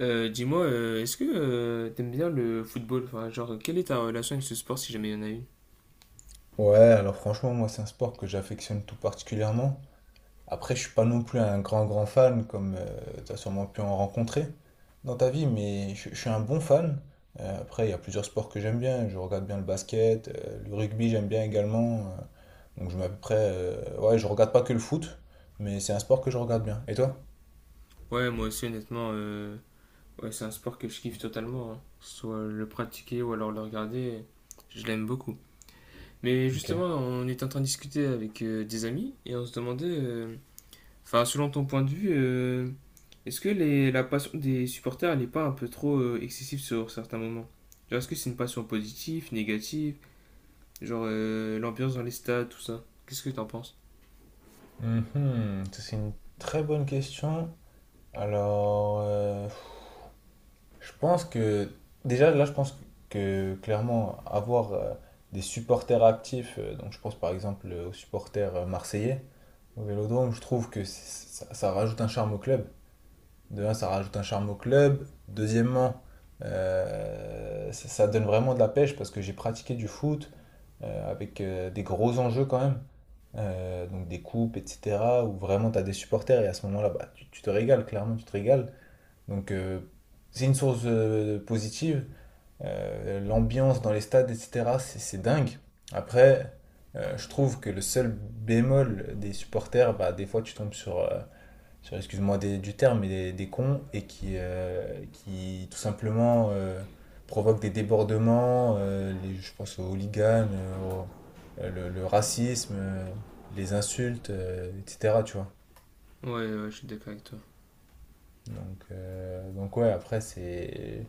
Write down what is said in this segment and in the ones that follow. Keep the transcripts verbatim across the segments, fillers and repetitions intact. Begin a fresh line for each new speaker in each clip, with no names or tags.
Euh, dis-moi, euh, est-ce que euh, t'aimes bien le football? Enfin, genre, quelle est ta relation avec ce sport si jamais il y en a une?
Ouais, alors franchement, moi, c'est un sport que j'affectionne tout particulièrement. Après, je suis pas non plus un grand, grand fan, comme tu t'as sûrement pu en rencontrer dans ta vie, mais je, je suis un bon fan. Euh, après, il y a plusieurs sports que j'aime bien. Je regarde bien le basket, euh, le rugby, j'aime bien également. Euh, donc, je mets à peu près. Euh, ouais, je regarde pas que le foot, mais c'est un sport que je regarde bien. Et toi?
Ouais, moi aussi, honnêtement, euh, ouais, c'est un sport que je kiffe totalement, hein. Soit le pratiquer ou alors le regarder, je l'aime beaucoup. Mais
Ok.
justement, on est en train de discuter avec euh, des amis et on se demandait, euh, enfin, selon ton point de vue, euh, est-ce que les, la passion des supporters, elle n'est pas un peu trop euh, excessive sur certains moments? Genre, est-ce que c'est une passion positive, négative? Genre, euh, l'ambiance dans les stades, tout ça. Qu'est-ce que t'en penses?
Mhm, ça, c'est une très bonne question. Alors, je pense que déjà là, je pense que clairement avoir euh, des supporters actifs, euh, donc je pense par exemple euh, aux supporters euh, marseillais au Vélodrome, je trouve que c'est- ça, ça rajoute un charme au club. De un, ça rajoute un charme au club. Deuxièmement, euh, ça, ça donne vraiment de la pêche parce que j'ai pratiqué du foot euh, avec euh, des gros enjeux quand même. Euh, donc des coupes, et cetera. Où vraiment tu as des supporters et à ce moment-là, bah, tu, tu te régales, clairement, tu te régales. Donc euh, c'est une source euh, positive. Euh, l'ambiance dans les stades, et cetera, c'est c'est dingue. Après, euh, je trouve que le seul bémol des supporters, bah, des fois tu tombes sur, euh, sur excuse-moi des- du terme, mais des, des cons et qui, euh, qui tout simplement euh, provoquent des débordements. Euh, les, je pense aux hooligans, euh, au- euh, le, le racisme, euh, les insultes, euh, et cetera, tu vois.
Ouais, ouais, je suis d'accord avec toi.
Donc, euh, donc ouais, après, c'est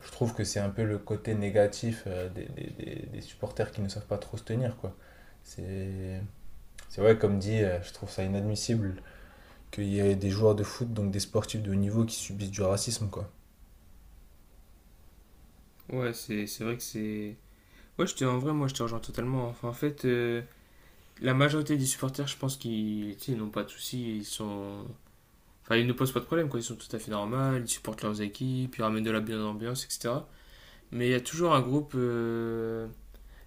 je trouve que c'est un peu le côté négatif euh, des, des- des- des supporters qui ne savent pas trop se tenir, quoi. C'est, c'est vrai, comme dit, euh, je trouve ça inadmissible qu'il y ait des joueurs de foot, donc des sportifs de haut niveau, qui subissent du racisme, quoi.
Ouais, c'est c'est vrai que c'est. Ouais, je te, en vrai, moi, je te rejoins totalement. Enfin, en fait, euh, la majorité des supporters, je pense qu'ils tu sais, ils n'ont pas de soucis. Ils sont. Enfin, ils ne posent pas de problème, quoi. Ils sont tout à fait normaux, ils supportent leurs équipes, ils ramènent de la bonne ambiance, et cetera. Mais il y a toujours un groupe. euh,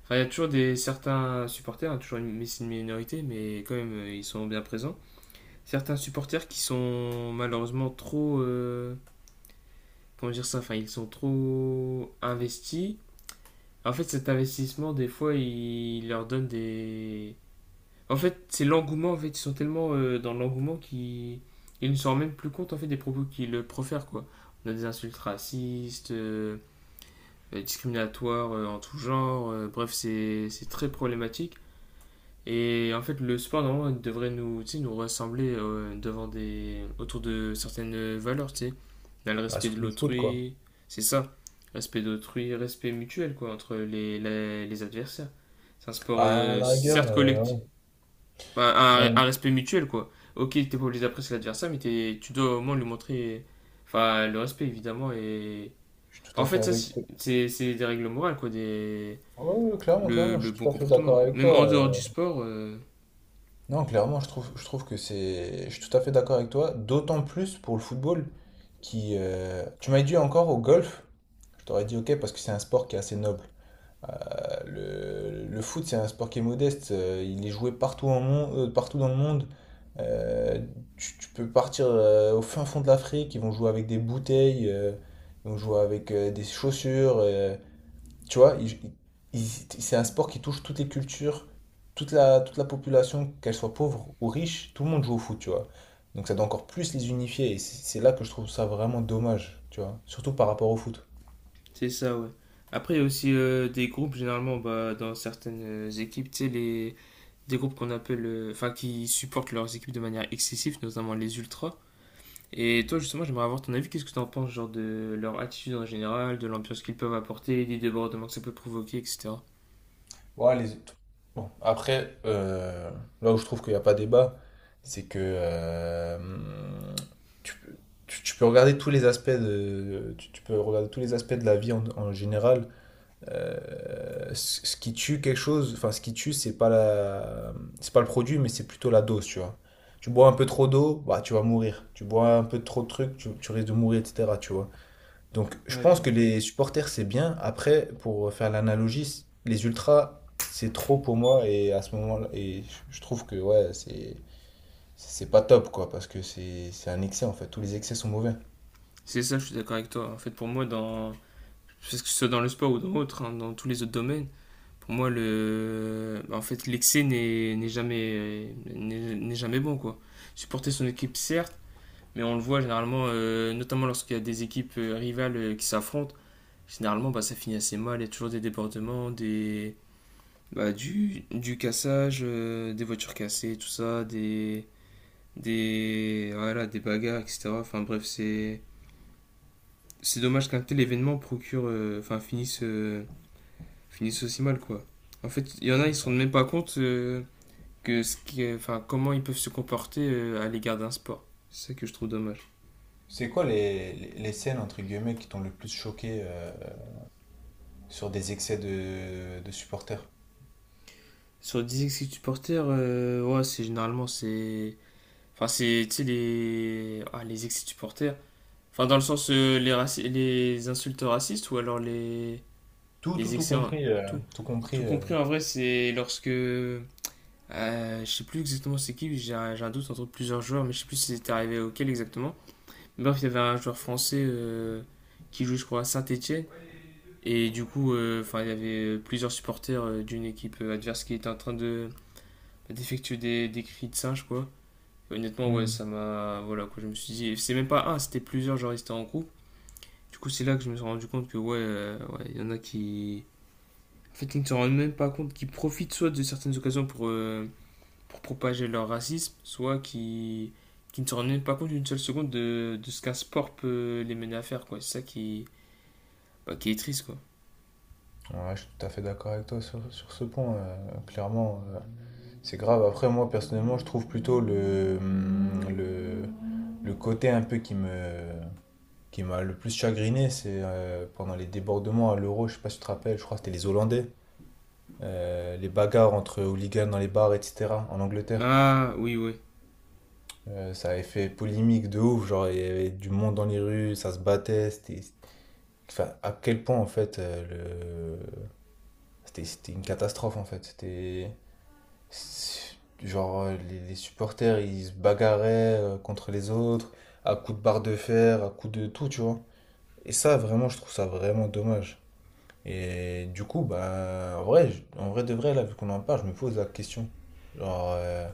Enfin, il y a toujours des, certains supporters, hein, toujours une, mais c'est une minorité, mais quand même, euh, ils sont bien présents. Certains supporters qui sont malheureusement trop. euh, Comment dire ça. Enfin, ils sont trop investis. En fait, cet investissement, des fois, il leur donne des. En fait, c'est l'engouement. En fait, ils sont tellement euh, dans l'engouement qu'ils ils ne se rendent même plus compte en fait des propos qu'ils euh, profèrent quoi. On a des insultes racistes, euh, euh, discriminatoires euh, en tout genre. Euh, bref, c'est c'est très problématique. Et en fait, le sport, normalement, devrait nous, tu sais, nous rassembler euh, devant des... autour de certaines valeurs, tu sais. Dans le
Bah,
respect de
surtout le foot, quoi.
l'autrui, c'est ça. Respect d'autrui, respect mutuel, quoi, entre les, les, les adversaires. C'est un sport,
Bah, à
euh,
la rigueur,
certes,
euh,
collectif.
ouais,
Enfin, un, un
ouais,
respect mutuel, quoi. Ok, t'es pas obligé d'apprécier l'adversaire, mais t'es- tu dois au moins lui montrer, enfin, le respect, évidemment. Et...
je suis tout
Enfin, en
à fait
fait, ça,
avec
c'est-
toi.
c'est c'est des règles morales, quoi. Des...
Ouais, ouais, ouais, clairement,
Le,
clairement, je
le
suis
bon
tout à fait
comportement.
d'accord avec
Même en
toi.
dehors
euh.
du sport, euh,
Non, clairement, je trouve, je trouve que c'est. Je suis tout à fait d'accord avec toi, d'autant plus pour le football qui. euh, Tu m'as dit encore au golf, je t'aurais dit ok parce que c'est un sport qui est assez noble. le, le foot, c'est un sport qui est modeste. euh, Il est joué partout, en mon- euh, partout dans le monde. Euh, tu, Tu peux partir euh, au fin fond de l'Afrique. Ils vont jouer avec des bouteilles. Euh, ils vont jouer avec euh, des chaussures. euh. Tu vois, ils- ils- c'est un sport qui touche toutes les cultures, toute la, toute la population, qu'elle soit pauvre ou riche. Tout le monde joue au foot, tu vois. Donc ça doit encore plus les unifier. Et c'est c'est là que je trouve ça vraiment dommage, tu vois. Surtout par rapport au foot.
c'est ça, ouais. Après, il y a aussi euh, des groupes, généralement, bah, dans certaines euh, équipes, tu sais, les... des groupes qu'on appelle. euh, Enfin, qui supportent leurs équipes de manière excessive, notamment les ultras. Et toi, justement, j'aimerais avoir ton avis. Qu'est-ce que tu en penses, genre, de leur attitude en général, de l'ambiance qu'ils peuvent apporter, des débordements que ça peut provoquer, et cetera.
Ouais, les- bon, après, euh, là où je trouve qu'il n'y a pas débat, c'est que euh, tu, peux tu- tu peux regarder tous les aspects de, tu, tu peux regarder tous les aspects de la vie en, en général. Euh, ce, ce qui tue quelque chose, enfin, ce qui tue, c'est pas la, c'est pas le produit, mais c'est plutôt la dose, tu vois. Tu bois un peu trop d'eau, bah, tu vas mourir. Tu bois un peu trop de trucs, tu, tu risques de mourir, et cetera, tu vois. Donc, je
Ouais, je
pense
vois.
que les supporters, c'est bien. Après, pour faire l'analogie, les ultras, c'est trop pour moi. Et à ce moment-là, et je je trouve que ouais, c'est c'est pas top, quoi, parce que c'est c'est un excès en fait. Tous les excès sont mauvais.
C'est ça, je suis d'accord avec toi. En fait, pour moi, dans, parce que ce soit dans le sport ou dans autre, hein, dans tous les autres domaines, pour moi, le, bah, en fait, l'excès n'est n'est jamais, n'est n'est jamais bon, quoi. Supporter son équipe, certes, mais on le voit généralement, euh, notamment lorsqu'il y a des équipes euh, rivales euh, qui s'affrontent, généralement, bah, ça finit assez mal. Il y a toujours des débordements, des, bah, du, du cassage, euh, des voitures cassées, tout ça, des, des, voilà, des bagarres, et cetera. Enfin bref, c'est, c'est dommage qu'un tel événement procure, euh, enfin finisse euh, finissent aussi mal, quoi. En fait, il y en a, ils se rendent même pas compte euh, que ce qui est- enfin, comment ils peuvent se comporter euh, à l'égard d'un sport. C'est ça que je trouve dommage.
C'est quoi les, les, les scènes entre guillemets qui t'ont le plus choqué euh, sur des excès de, de supporters?
Sur dix ex supporters, euh, ouais, c'est généralement, c'est... Enfin, c'est, tu sais, les... Ah, les ex supporters. Enfin, dans le sens, euh, les, raci- les insultes racistes ou alors les,
Tout, tout,
les
tout
excès...
compris, euh,
Tout...
tout
Tout
compris. euh.
compris, en vrai, c'est lorsque... Euh, je sais plus exactement c'est qui, j'ai un, j'ai un doute entre plusieurs joueurs, mais je sais plus si c'était arrivé auquel exactement. Bref, il y avait un joueur français euh, qui joue, je crois, à Saint-Etienne. Et du coup, euh, enfin, il y avait plusieurs supporters euh, d'une équipe euh, adverse qui étaient en train de d'effectuer des, des cris de singe, quoi. Et honnêtement, ouais,
Hmm.
ça m'a. Voilà, quoi, je me suis dit. et C'est même pas un, c'était plusieurs, genre, ils étaient en groupe. Du coup, c'est là que je me suis rendu compte que, ouais, euh, ouais, il y en a qui. En fait, ils ne se rendent même pas compte, qui profitent soit de certaines occasions pour, euh, pour propager leur racisme, soit qui qui ne se rendent même pas compte d'une seule seconde de, de ce qu'un sport peut euh, les mener à faire, quoi. C'est ça qui, bah, qui est triste quoi.
Ouais, je suis tout à fait d'accord avec toi sur, sur ce point. Euh, clairement, euh, c'est grave. Après, moi, personnellement, je trouve plutôt le, hum, le, le côté un peu qui me, qui m'a le plus chagriné, c'est euh, pendant les débordements à l'Euro, je sais pas si tu te rappelles, je crois que c'était les Hollandais, euh, les bagarres entre hooligans dans les bars, et cetera, en Angleterre.
Ah, oui, oui.
Euh, ça avait fait polémique de ouf, genre il y avait du monde dans les rues, ça se battait, c'était... Enfin, à quel point, en fait, euh, le... c'était, c'était une catastrophe, en fait. C'était... C'est- Genre, euh, les, les supporters, ils se bagarraient euh, contre les autres, à coups de barre de fer, à coups de tout, tu vois. Et ça, vraiment, je trouve ça vraiment dommage. Et du coup, bah, en vrai, je- en vrai de vrai, là, vu qu'on en parle, je me pose la question. Genre, euh,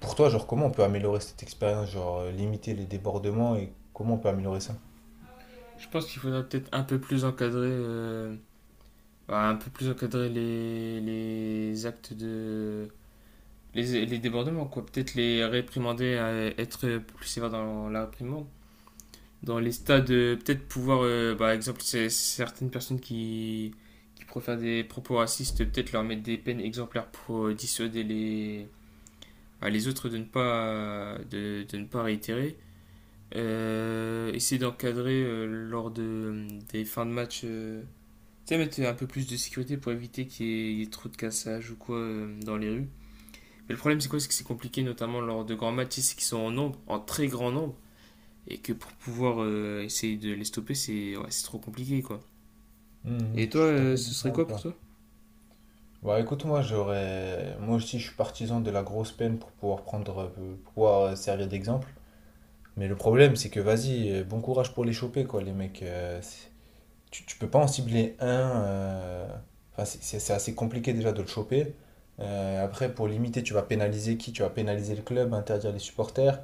pour toi, genre, comment on peut améliorer cette expérience? Genre, euh, limiter les débordements et comment on peut améliorer ça?
Je pense qu'il faudrait peut-être un peu plus encadrer, euh, bah, un peu plus encadrer les, les actes de. Les, les débordements, quoi. Peut-être les réprimander, euh, être plus sévère dans la réprimande. Dans les stades, euh, peut-être pouvoir, euh, par exemple, c'est- certaines personnes qui, qui préfèrent des propos racistes, peut-être leur mettre des peines exemplaires pour euh, dissuader les, bah, les autres de ne pas, de, de ne pas réitérer. Euh, essayer d'encadrer euh, lors de, des fins de match. Euh, tu sais, mettre un peu plus de sécurité pour éviter qu'il y, ait- il y ait trop de cassage ou quoi euh, dans les rues. Mais le problème, c'est quoi? C'est que c'est compliqué, notamment lors de grands matchs, c'est qu'ils sont en nombre, en très grand nombre, et que pour pouvoir euh, essayer de les stopper, c'est ouais, c'est trop compliqué, quoi.
Mhm,
Et toi,
je suis tout à
euh,
fait
ce
d'accord
serait
avec
quoi pour
toi.
toi?
Bah écoute, moi j'aurais. Moi aussi, je suis partisan de la grosse peine pour pouvoir prendre, euh, pour pouvoir euh, servir d'exemple. Mais le problème, c'est que vas-y, euh, bon courage pour les choper, quoi, les mecs. Euh, c'est- tu, tu peux pas en cibler un. euh, Enfin, c'est c'est- c'est assez compliqué déjà de le choper. Euh, après, pour limiter, tu vas pénaliser qui? Tu vas pénaliser le club, interdire les supporters.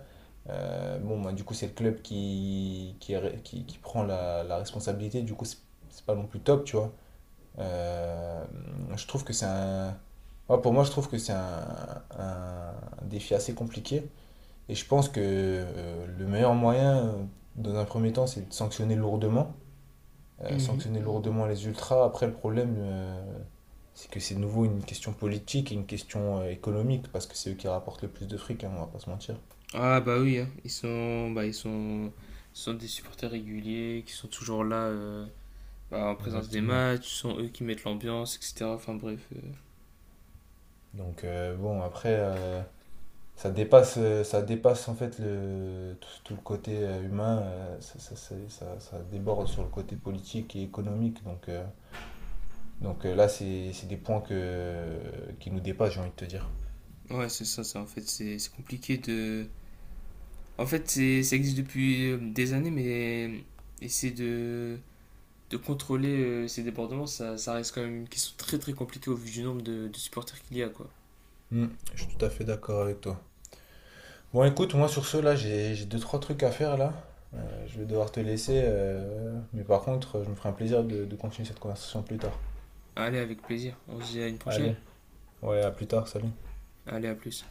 Euh, bon, bah, du coup, c'est le club qui, qui, est qui- qui prend la, la responsabilité. Du coup, c'est c'est pas non plus top, tu vois. Euh, je trouve que c'est un. Ouais, pour moi, je trouve que c'est un, un défi assez compliqué. Et je pense que euh, le meilleur moyen, euh, dans un premier temps, c'est de sanctionner lourdement. Euh,
Mhm.
sanctionner lourdement les ultras. Après, le problème, euh, c'est que c'est de nouveau une question politique et une question euh, économique, parce que c'est eux qui rapportent le plus de fric, hein, on va pas se mentir.
Ah, bah oui, hein. Ils sont, bah, ils sont, ce sont des supporters réguliers qui sont toujours là. Euh, bah, en présence des
Exactement.
matchs, ce sont eux qui mettent l'ambiance, et cetera. Enfin bref, euh.
Donc, euh, bon, après, euh, ça dépasse, euh, ça dépasse en fait le, tout, tout le côté euh, humain, euh, ça, ça, ça, ça- ça déborde sur le côté politique et économique. Donc, euh, donc euh, là, c'est c'est des points que, qui nous dépassent, j'ai envie de te dire.
Ouais, c'est ça, ça. En fait, c'est c'est compliqué de. En fait, c'est, ça existe depuis euh, des années, mais essayer de, de contrôler euh, ces débordements, ça, ça reste quand même une question très très compliquée au vu du nombre de, de supporters qu'il y a, quoi.
Mm, je suis tout à fait d'accord avec toi. Bon, écoute, moi sur ce, là, j'ai j'ai deux, trois trucs à faire là. Euh, je vais devoir te laisser, euh, mais par contre, je me ferai un plaisir de de continuer cette conversation plus tard.
Allez, avec plaisir. On se dit à une prochaine.
Allez, ouais, à plus tard, salut.
Allez, à plus.